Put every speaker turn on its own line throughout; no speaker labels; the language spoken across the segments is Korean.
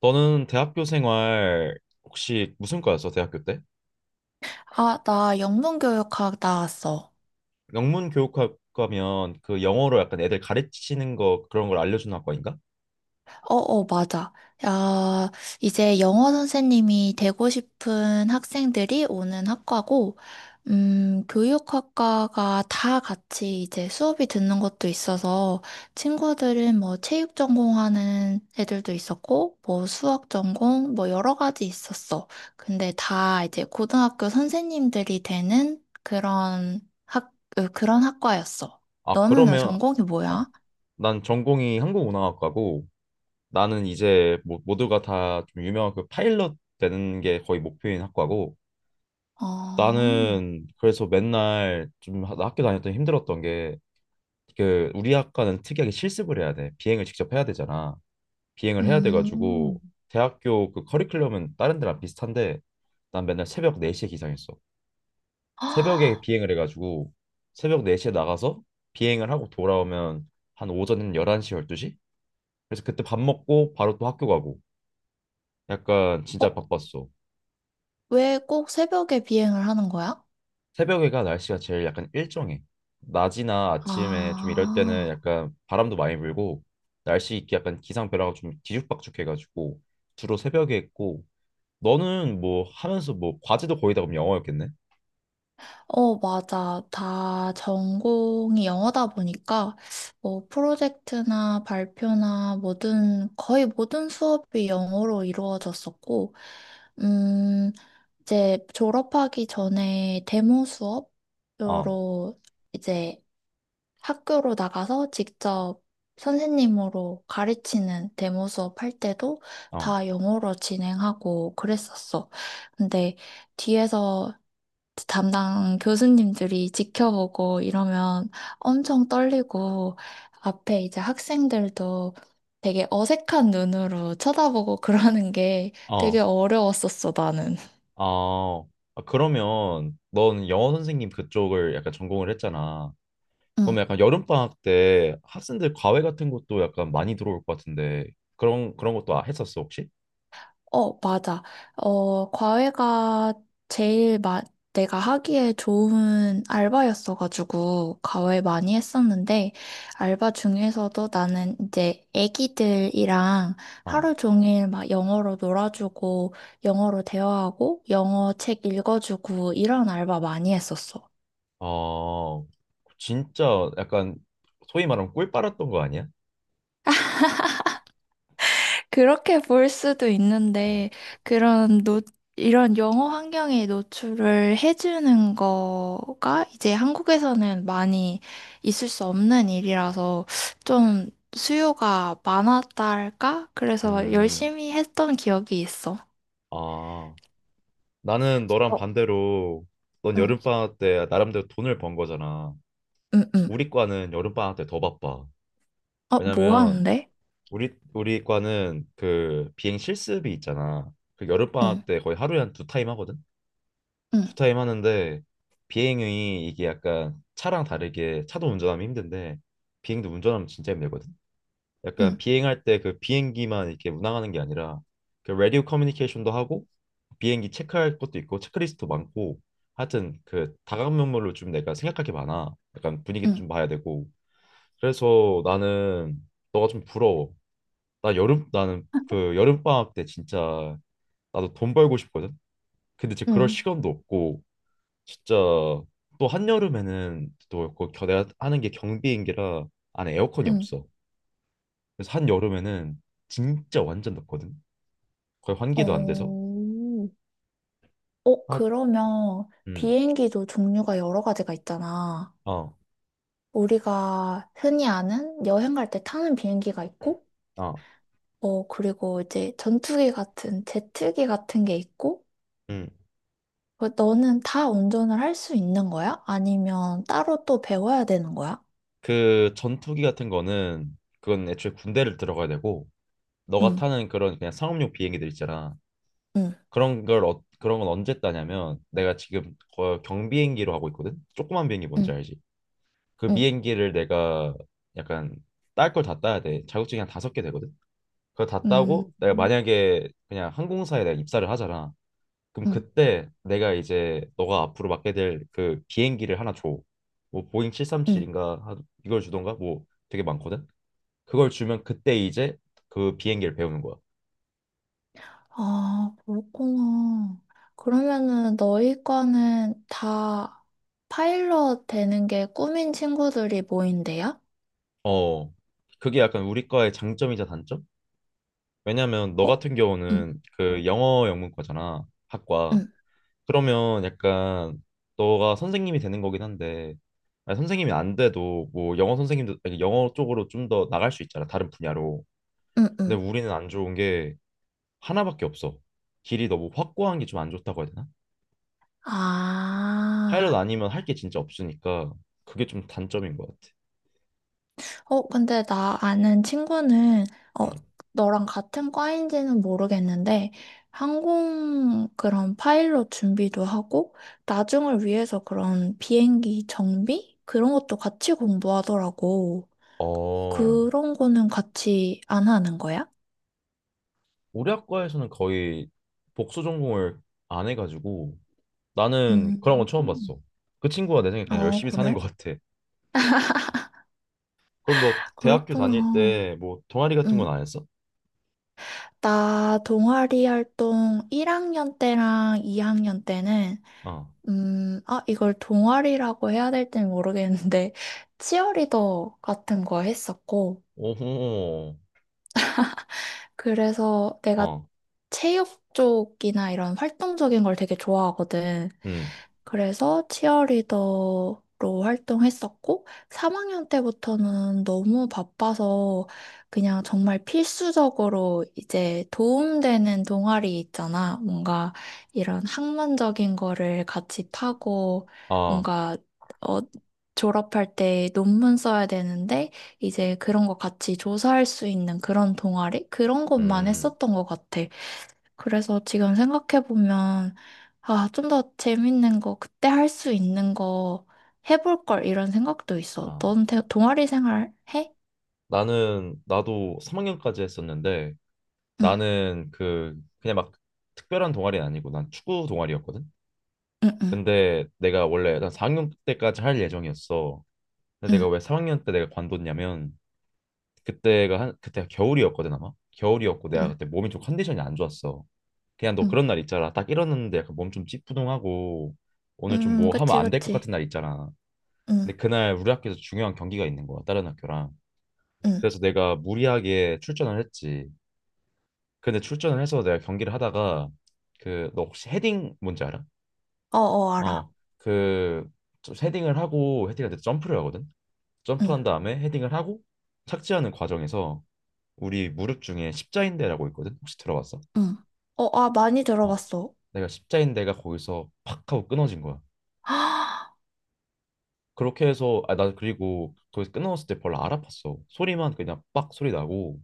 너는 대학교 생활. 혹시 무슨 과였어, 대학교 때?
아, 나 영문교육학 나왔어.
영문 교육학과면 그 영어로 약간 애들 가르치는 거 그런 걸 알려주는 학과인가?
어, 어, 맞아. 야, 이제 영어 선생님이 되고 싶은 학생들이 오는 학과고, 교육학과가 다 같이 이제 수업이 듣는 것도 있어서, 친구들은 뭐 체육 전공하는 애들도 있었고, 뭐 수학 전공, 뭐 여러 가지 있었어. 근데 다 이제 고등학교 선생님들이 되는 그런 학, 그런 학과였어.
아,
너는
그러면.
전공이
아,
뭐야?
난 전공이 항공운항학과고, 나는 이제 뭐, 모두가 다 좀 유명한 그 파일럿 되는 게 거의 목표인 학과고,
아,
나는 그래서 맨날 좀 나 학교 다닐 때 힘들었던 게, 그 우리 학과는 특이하게 실습을 해야 돼. 비행을 직접 해야 되잖아. 비행을 해야
음.
돼가지고, 대학교 그 커리큘럼은 다른 데랑 비슷한데, 난 맨날 새벽 4시에 기상했어. 새벽에
아,
비행을 해가지고, 새벽 4시에 나가서 비행을 하고 돌아오면 한 오전 11시, 12시? 그래서 그때 밥 먹고 바로 또 학교 가고, 약간 진짜
어,
바빴어.
왜 꼭 새벽에 비행을 하는 거야?
새벽에가 날씨가 제일 약간 일정해. 낮이나 아침에 좀 이럴 때는
아,
약간 바람도 많이 불고, 날씨 약간 기상 변화가 좀 뒤죽박죽해가지고 주로 새벽에 했고. 너는 뭐 하면서 뭐 과제도 거의 다 그럼 영어였겠네?
어, 맞아. 다 전공이 영어다 보니까, 뭐, 프로젝트나 발표나 모든, 거의 모든 수업이 영어로 이루어졌었고, 음, 이제 졸업하기 전에 데모
어,
수업으로 이제 학교로 나가서 직접 선생님으로 가르치는 데모 수업 할 때도
어,
다 영어로 진행하고 그랬었어. 근데 뒤에서 담당 교수님들이 지켜보고 이러면 엄청 떨리고 앞에 이제 학생들도 되게 어색한 눈으로 쳐다보고 그러는 게 되게
어,
어려웠었어, 나는.
어. 아, 그러면 넌 영어 선생님 그쪽을 약간 전공을 했잖아.
응.
그러면 약간 여름방학 때 학생들 과외 같은 것도 약간 많이 들어올 것 같은데, 그런 것도 했었어 혹시?
어, 맞아. 어, 과외가 제일 마, 내가 하기에 좋은 알바였어가지고, 과외 많이 했었는데, 알바 중에서도 나는 이제 애기들이랑
어,
하루 종일 막 영어로 놀아주고, 영어로 대화하고, 영어 책 읽어주고, 이런 알바 많이 했었어.
어, 진짜 약간 소위 말하면 꿀 빨았던 거 아니야?
그렇게 볼 수도
어.
있는데, 그런 노, 이런 영어 환경에 노출을 해주는 거가 이제 한국에서는 많이 있을 수 없는 일이라서 좀 수요가 많았달까? 그래서
음,
열심히 했던 기억이 있어.
아, 나는 너랑
어,
반대로, 넌
응,
여름방학 때 나름대로 돈을 번 거잖아.
응, 응.
우리 과는 여름방학 때 더 바빠.
어, 뭐
왜냐면
하는데?
우리 과는 그 비행 실습이 있잖아. 그
응,
여름방학 때 거의 하루에 한 두 타임 하거든. 두
응,
타임 하는데, 비행이 이게 약간 차랑 다르게, 차도 운전하면 힘든데 비행도 운전하면 진짜 힘들거든.
응,
약간 비행할 때 그 비행기만 이렇게 운항하는 게 아니라, 그 라디오 커뮤니케이션도 하고, 비행기 체크할 것도 있고 체크리스트도 많고, 하여튼 그 다각면모로 좀 내가 생각할 게 많아. 약간 분위기도
응,
좀 봐야 되고. 그래서 나는 너가 좀 부러워. 나 여름, 나는 그 여름 방학 때 진짜 나도 돈 벌고 싶거든. 근데 이제 그럴
응,
시간도 없고, 진짜 또 한여름에는 또그 내가 하는 게 경비행기라 안에 에어컨이
응.
없어. 그래서 한여름에는 진짜 완전 덥거든. 거의 환기도 안 돼서.
어, 어,
아,
그러면
음.
비행기도 종류가 여러 가지가 있잖아.
어.
우리가 흔히 아는 여행 갈 때 타는 비행기가 있고,
어.
어, 그리고 이제 전투기 같은, 제트기 같은 게 있고,
음.
그 너는 다 운전을 할 수 있는 거야? 아니면 따로 또 배워야 되는 거야?
그 전투기 같은 거는 그건 애초에 군대를 들어가야 되고, 너가
응,
타는 그런 그냥 상업용 비행기들 있잖아.
응,
그런 걸, 어, 그런 건 언제 따냐면, 내가 지금 경비행기로 하고 있거든. 조그만 비행기 뭔지
응,
알지? 그
응,
비행기를 내가 약간 딸 걸 다 따야 돼. 자격증이 한 다섯 개 되거든. 그거 다
응,
따고 내가 만약에 그냥 항공사에 내가 입사를 하잖아. 그럼
응,
그때 내가 이제 너가 앞으로 맡게 될 그 비행기를 하나 줘. 뭐 보잉
응.
737인가 이걸 주던가 뭐 되게 많거든. 그걸 주면 그때 이제 그 비행기를 배우는 거야.
아, 그렇구나. 그러면은 너희 과는 다 파일럿 되는 게 꿈인 친구들이 모인대요?
어. 그게 약간 우리 과의 장점이자 단점? 왜냐면 너
어?
같은
응,
경우는 그 영어 영문과잖아, 학과.
응,
그러면 약간 너가 선생님이 되는 거긴 한데, 아니, 선생님이 안 돼도 뭐 영어 선생님도, 아니, 영어 쪽으로 좀 더 나갈 수 있잖아, 다른 분야로.
응,
근데
응.
우리는 안 좋은 게 하나밖에 없어. 길이 너무 확고한 게 좀 안 좋다고 해야 되나? 파일럿
아.
아니면 할 게 진짜 없으니까, 그게 좀 단점인 것 같아.
어, 근데 나 아는 친구는, 어,
음.
너랑 같은 과인지는 모르겠는데, 항공 그런 파일럿 준비도 하고, 나중을 위해서 그런 비행기 정비? 그런 것도 같이 공부하더라고.
어,
그런 거는 같이 안 하는 거야?
우리 학과에서는 거의 복수 전공을 안 해가지고 나는 그런 건 처음
음,
봤어. 그 친구가 내 생각에 그냥
아,
열심히 사는 것
그래?
같아. 그럼 너 대학교 다닐
그렇구나.
때 뭐 동아리 같은 건
음,
안 했어?
나 동아리 활동 1학년 때랑 2학년 때는
아,
아, 이걸 동아리라고 해야 될지는 모르겠는데, 치어리더 같은 거 했었고,
오호,
그래서 내가
어,
체육 쪽이나 이런 활동적인 걸 되게 좋아하거든.
음,
그래서 치어리더로 활동했었고, 3학년 때부터는 너무 바빠서 그냥 정말 필수적으로 이제 도움되는 동아리 있잖아. 뭔가 이런 학문적인 거를 같이 파고,
아,
뭔가, 어, 졸업할 때 논문 써야 되는데, 이제 그런 거 같이 조사할 수 있는 그런 동아리? 그런 것만
음,
했었던 것 같아. 그래서 지금 생각해보면, 아, 좀 더 재밌는 거, 그때 할 수 있는 거 해볼 걸, 이런 생각도 있어.
아.
넌 동아리 생활 해?
나는 나도 3학년까지 했었는데,
응,
나는 그 그냥 막 특별한 동아리는 아니고 난 축구 동아리였거든.
응, 응,
근데 내가 원래 난 4학년 때까지 할 예정이었어. 근데
응,
내가 왜 3학년 때 내가 관뒀냐면, 그때가 한, 그때가 겨울이었거든 아마. 겨울이었고 내가
응,
그때 몸이 좀 컨디션이 안 좋았어. 그냥 너
응.
그런 날 있잖아. 딱 일어났는데 약간 몸 좀 찌뿌둥하고 오늘 좀 뭐 하면
그치,
안 될 것
그치.
같은 날 있잖아.
응,
근데 그날 우리 학교에서 중요한 경기가 있는 거야. 다른 학교랑.
응.
그래서 내가 무리하게 출전을 했지. 근데 출전을 해서 내가 경기를 하다가, 그 너 혹시 헤딩 뭔지 알아?
어, 어, 알아.
어. 그 헤딩을 하고, 헤딩할 때 점프를 하거든.
응,
점프한 다음에 헤딩을 하고 착지하는 과정에서, 우리 무릎 중에 십자인대라고 있거든. 혹시 들어봤어?
응. 어, 아, 많이
어.
들어봤어.
내가 십자인대가 거기서 팍 하고 끊어진 거야. 그렇게 해서, 아 나 그리고 거기서 끝나왔을 때 별로 안 아팠어. 소리만 그냥 빡 소리 나고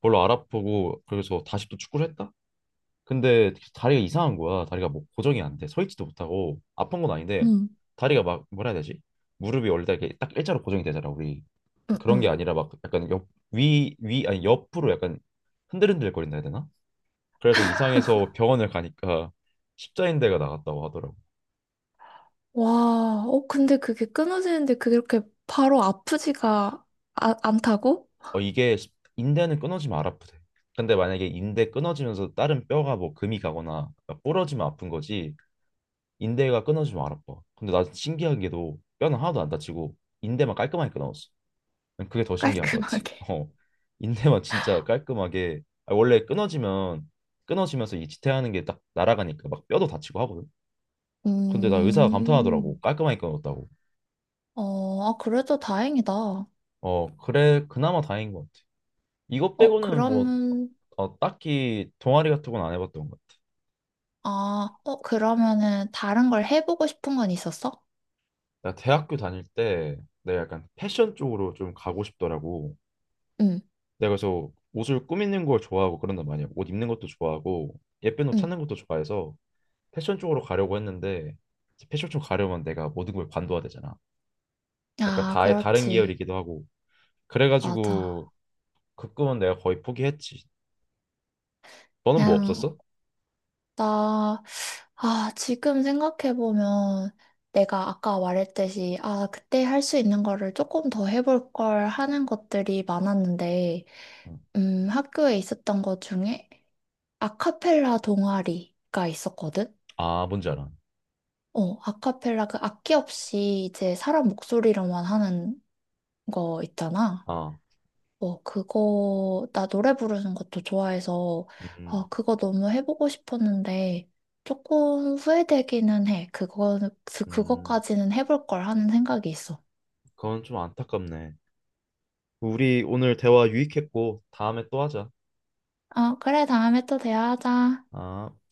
별로 안 아프고, 그래서 다시 또 축구를 했다. 근데 다리가 이상한 거야. 다리가 뭐 고정이 안 돼, 서 있지도 못하고, 아픈 건 아닌데
응,
다리가 막, 뭐라 해야 되지, 무릎이 원래 다 이렇게 딱 일자로 고정이 되잖아, 우리.
응,
그런 게
응.
아니라 막 약간 옆, 위, 위 아니 옆으로 약간 흔들흔들 거린다 해야 되나. 그래서 이상해서 병원을 가니까 십자인대가 나갔다고 하더라고.
와, 어, 근데 그게 끊어지는데 그렇게 바로 아프지가 아, 않다고?
어, 이게 인대는 끊어지면 안 아프대. 근데 만약에 인대 끊어지면서 다른 뼈가 뭐 금이 가거나 막 부러지면 아픈 거지, 인대가 끊어지면 안 아파. 근데 나 신기한 게도 뼈는 하나도 안 다치고 인대만 깔끔하게 끊어졌어. 난 그게 더 신기한 것 같아.
깔끔하게.
어, 인대만 진짜 깔끔하게, 아, 원래 끊어지면, 끊어지면서 이 지탱하는 게 딱 날아가니까 막 뼈도 다치고 하거든. 근데 나 의사가 감탄하더라고,
음,
깔끔하게 끊었다고.
어, 아, 그래도 다행이다. 어,
어 그래, 그나마 다행인 것 같아. 이것 빼고는 뭐,
그러면,
어, 딱히 동아리 같은 건 안 해봤던 것 같아.
아, 어, 그러면은 다른 걸 해보고 싶은 건 있었어?
나 대학교 다닐 때 내가 약간 패션 쪽으로 좀 가고 싶더라고.
응,
내가 그래서 옷을 꾸미는 걸 좋아하고 그런단 말이야. 옷 입는 것도 좋아하고 예쁜 옷
응.
찾는 것도 좋아해서 패션 쪽으로 가려고 했는데, 이제 패션 쪽 가려면 내가 모든 걸 관둬야 되잖아. 약간
아,
다의 다른
그렇지.
계열이기도 하고
맞아.
그래가지고, 그 꿈은 내가 거의 포기했지. 너는 뭐
그냥,
없었어?
나 지금 생각해보면 내가 아까 말했듯이, 아, 그때 할 수 있는 거를 조금 더 해볼 걸 하는 것들이 많았는데,
응.
학교에 있었던 것 중에 아카펠라 동아리가 있었거든?
아 뭔지 알아.
어, 아카펠라 그 악기 없이 이제 사람 목소리로만 하는 거 있잖아.
아,
어, 그거, 나 노래 부르는 것도 좋아해서,
음,
어, 그거 너무 해보고 싶었는데, 조금 후회되기는 해.
음,
그거까지는 해볼 걸 하는 생각이 있어.
그건 좀 안타깝네. 우리 오늘 대화 유익했고 다음에 또 하자.
어, 그래, 다음에 또 대화하자.
아.